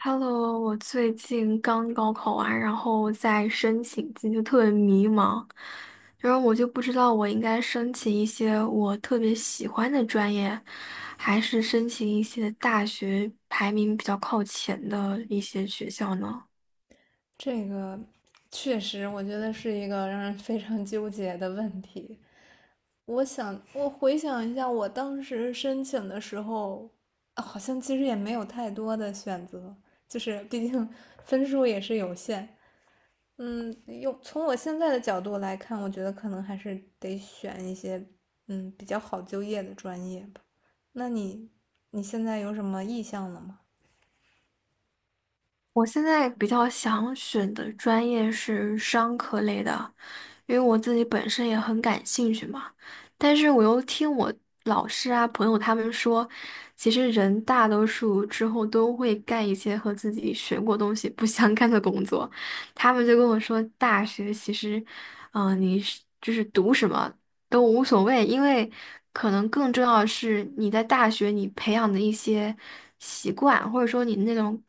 Hello，我最近刚高考完，然后在申请季就特别迷茫，然后我就不知道我应该申请一些我特别喜欢的专业，还是申请一些大学排名比较靠前的一些学校呢？这个确实，我觉得是一个让人非常纠结的问题。我回想一下，我当时申请的时候，好像其实也没有太多的选择，就是毕竟 分数也是有限。从我现在的角度来看，我觉得可能还是得选一些比较好就业的专业吧。那你现在有什么意向了吗？我现在比较想选的专业是商科类的，因为我自己本身也很感兴趣嘛。但是我又听我老师啊、朋友他们说，其实人大多数之后都会干一些和自己学过东西不相干的工作。他们就跟我说，大学其实，你是就是读什么都无所谓，因为可能更重要的是你在大学你培养的一些习惯，或者说你那种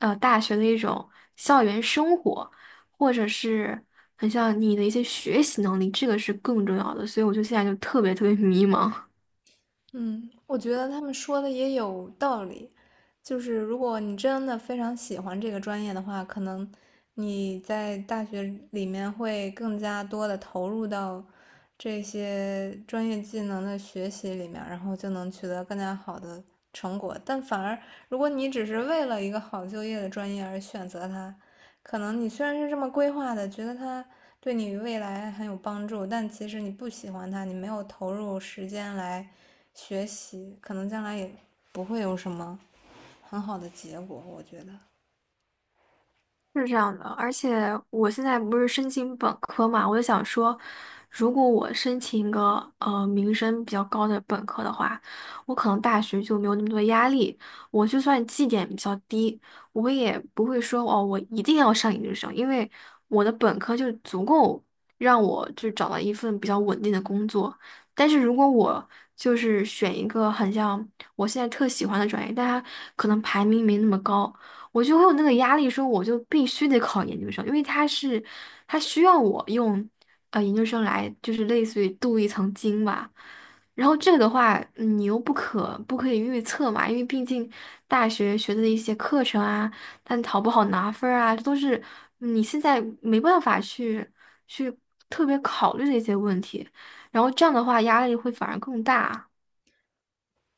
大学的一种校园生活。或者是很像你的一些学习能力，这个是更重要的。所以我就现在就特别特别迷茫。嗯，我觉得他们说的也有道理。就是如果你真的非常喜欢这个专业的话，可能你在大学里面会更加多的投入到这些专业技能的学习里面，然后就能取得更加好的成果。但反而，如果你只是为了一个好就业的专业而选择它，可能你虽然是这么规划的，觉得它对你未来很有帮助，但其实你不喜欢它，你没有投入时间来学习，可能将来也不会有什么很好的结果，我觉得。是这样的，而且我现在不是申请本科嘛，我就想说，如果我申请一个名声比较高的本科的话，我可能大学就没有那么多压力，我就算绩点比较低，我也不会说哦，我一定要上研究生，因为我的本科就足够让我就找到一份比较稳定的工作。但是如果我就是选一个很像我现在特喜欢的专业，但它可能排名没那么高。我就会有那个压力，说我就必须得考研究生，因为他是他需要我用研究生来就是类似于镀一层金吧。然后这个的话，嗯你又不可以预测嘛，因为毕竟大学学的一些课程啊，但好不好拿分儿啊，这都是你现在没办法去特别考虑的一些问题。然后这样的话，压力会反而更大。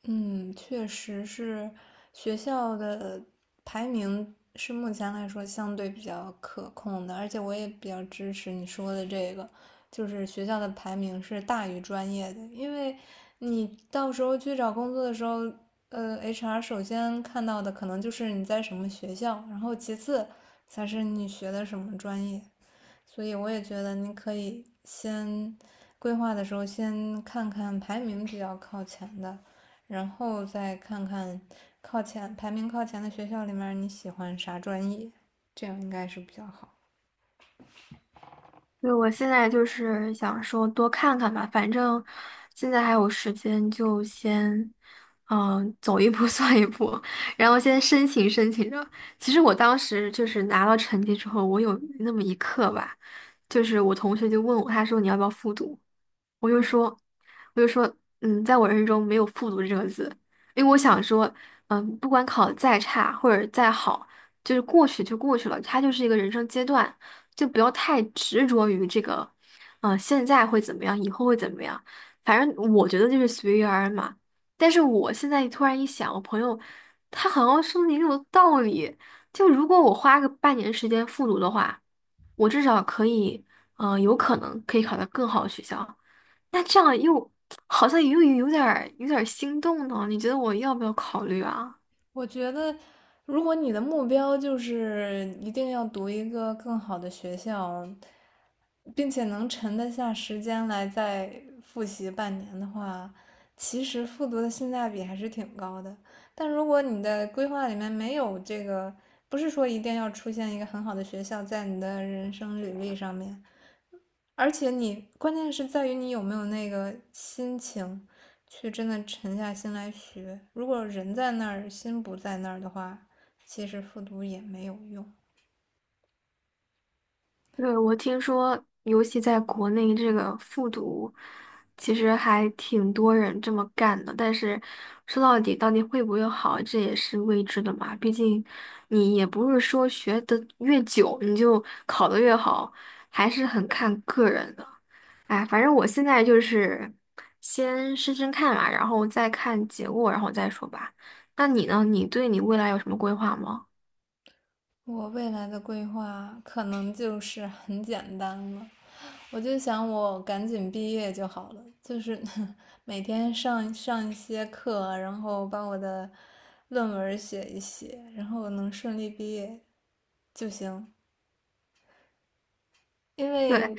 嗯，确实是学校的排名是目前来说相对比较可控的，而且我也比较支持你说的这个，就是学校的排名是大于专业的，因为你到时候去找工作的时候，HR 首先看到的可能就是你在什么学校，然后其次才是你学的什么专业。所以我也觉得你可以先规划的时候先看看排名比较靠前的，然后再看看排名靠前的学校里面你喜欢啥专业，这样应该是比较好。对，我现在就是想说多看看吧，反正现在还有时间，就先走一步 算一步，然后先申请申请着。其实我当时就是拿到成绩之后，我有那么一刻吧，就是我同学就问我，他说你要不要复读？我就嗯，说，我就说，嗯，在我人生中没有复读这个字，因为我想说，嗯，不管考得再差或者再好，就是过去就过去了，它就是一个人生阶段，就不要太执着于这个，现在会怎么样，以后会怎么样，反正我觉得就是随遇而安嘛。但是我现在突然一想，我朋友他好像说的也有道理，就如果我花个半年时间复读的话，我至少可以，有可能可以考到更好的学校。那这样又好像又有点儿心动呢，你觉得我要不要考虑啊？我觉得如果你的目标就是一定要读一个更好的学校，并且能沉得下时间来再复习半年的话，其实复读的性价比还是挺高的。但如果你的规划里面没有这个，不是说一定要出现一个很好的学校在你的人生履历上面，而且你关键是在于你有没有那个心情去真的沉下心来学。如果人在那儿，心不在那儿的话，其实复读也没有用。对，我听说，尤其在国内这个复读，其实还挺多人这么干的。但是说到底，到底会不会好，这也是未知的嘛。毕竟你也不是说学的越久，你就考的越好，还是很看个人的。哎，反正我现在就是先试试看嘛，然后再看结果，然后再说吧。那你呢？你对你未来有什么规划吗？我未来的规划可能就是很简单了，我就想我赶紧毕业就好了，就是 每天上上一些课啊，然后把我的论文写一写，然后我能顺利毕业就行。因为对，我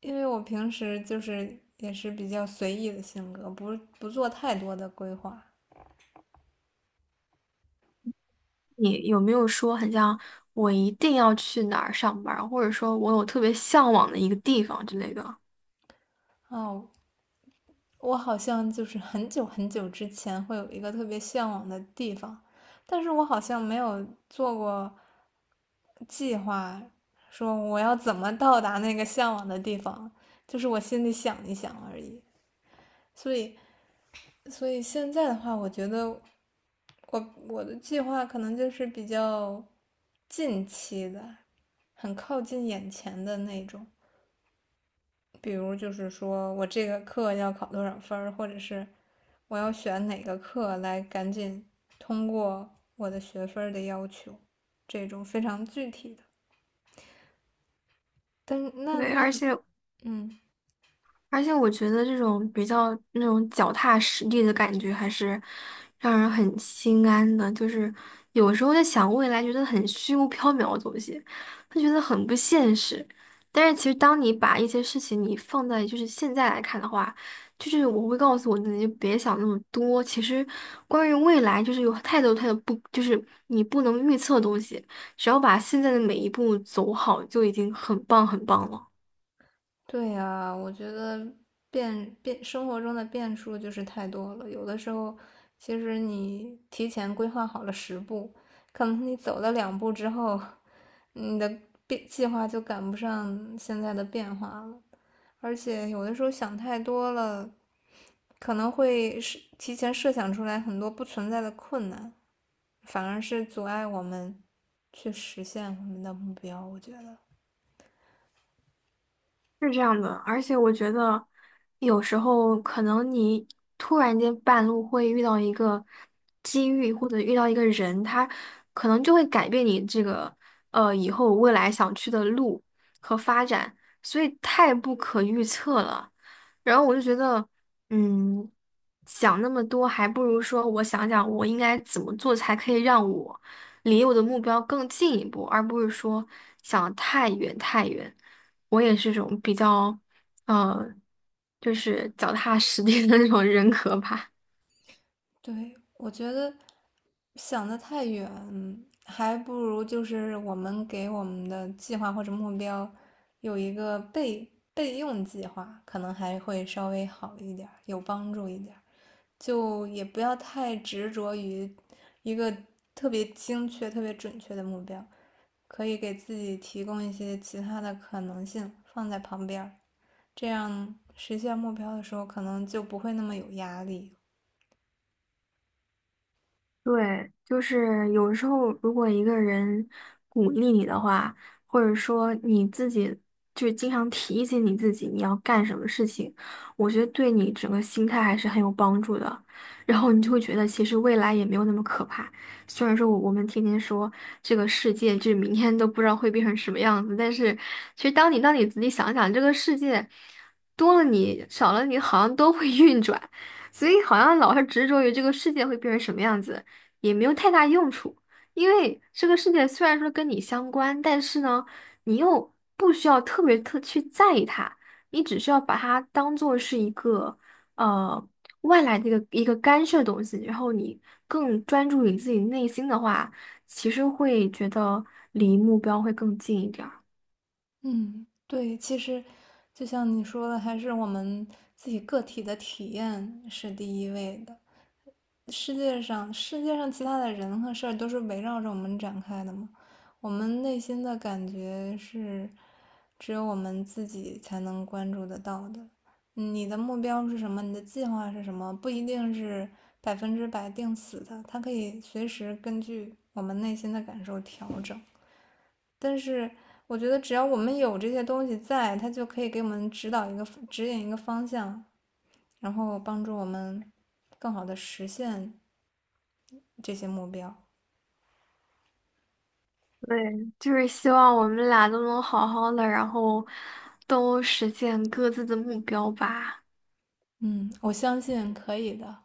因为我平时就是也是比较随意的性格，不做太多的规划。你有没有说很像我一定要去哪儿上班儿或者说我有特别向往的一个地方之类的？哦，我好像就是 很久很久之前会有一个特别向往的地方，但是我好像没有做过计划，说我要怎么到达那个向往的地方，就是我心里想一想而已。所以，所以现在的话，我觉得我的计划可能就是比较近期的，很靠近眼前的那种。比如就是说我这个课要考多少分或者是我要选哪个课来赶紧通过我的学分的要求，这种非常具体的。但是那对，而那且嗯，我觉得这种比较那种脚踏实地的感觉，还是让人很心安的。就是有时候在想未来，觉得很虚无缥缈的东西，他觉得很不现实。但是其实当你把一些事情你放在就是现在来看的话，就是我会告诉我自己，就别想那么多。其实关于未来，就是有太多太多不，就是你不能预测的东西，只要把现在的每一步走好，就已经很棒很棒了。对呀，我觉得生活中的变数就是太多了，有的时候其实你提前规划好了10步，可能你走了2步之后，你的计划就赶不上现在的变化了。而且有的时候想太多了，可能会是提前设想出来很多不存在的困难，反而是阻碍我们去实现我们的目标，我觉得。是这样的，而且我觉得有时候可能你突然间半路会遇到一个机遇，或者遇到一个人，他可能就会改变你这个以后未来想去的路和发展，所以太不可预测了。然后我就觉得，嗯，想那么多，还不如说我想想我应该怎么做才可以让我离我的目标更进一步，而不是说想得太远太远。我也是种比较，呃，就是脚踏实地的那种人格吧。对，我觉得想得太远，还不如就是我们给我们的计划或者目标有一个备用计划，可能还会稍微好一点有帮助一点，就也不要太执着于一个特别精确、特别准确的目标。可以给自己提供一些其他的可能性放在旁边，这样实现目标的时候可能就不会那么有压力。对，就是有时候，如果一个人鼓励你的话，或者说你自己就是经常提醒你自己你要干什么事情，我觉得对你整个心态还是很有帮助的。然后你就会觉得，其实未来也没有那么可怕。虽然说我们天天说这个世界，就是明天都不知道会变成什么样子，但是其实当你仔细想想，这个世界多了你少了你，好像都会运转，所以好像老是执着于这个世界会变成什么样子。也没有太大用处，因为这个世界虽然说跟你相关，但是呢，你又不需要特别去在意它，你只需要把它当做是一个呃外来的一个干涉东西，然后你更专注于自己内心的话，其实会觉得离目标会更近一点儿。嗯，对，其实就像你说的，还是我们自己个体的体验是第一位的。世界上其他的人和事儿都是围绕着我们展开的嘛。我们内心的感觉是，只有我们自己才能关注得到的。你的目标是什么？你的计划是什么？不一定是百分之百定死的，它可以随时根据我们内心的感受调整。但是我觉得，只要我们有这些东西在，它就可以给我们指引一个方向，然后帮助我们更好的实现这些目标。对，就是希望我们俩都能好好的，然后都实现各自的目标吧。嗯，我相信可以的。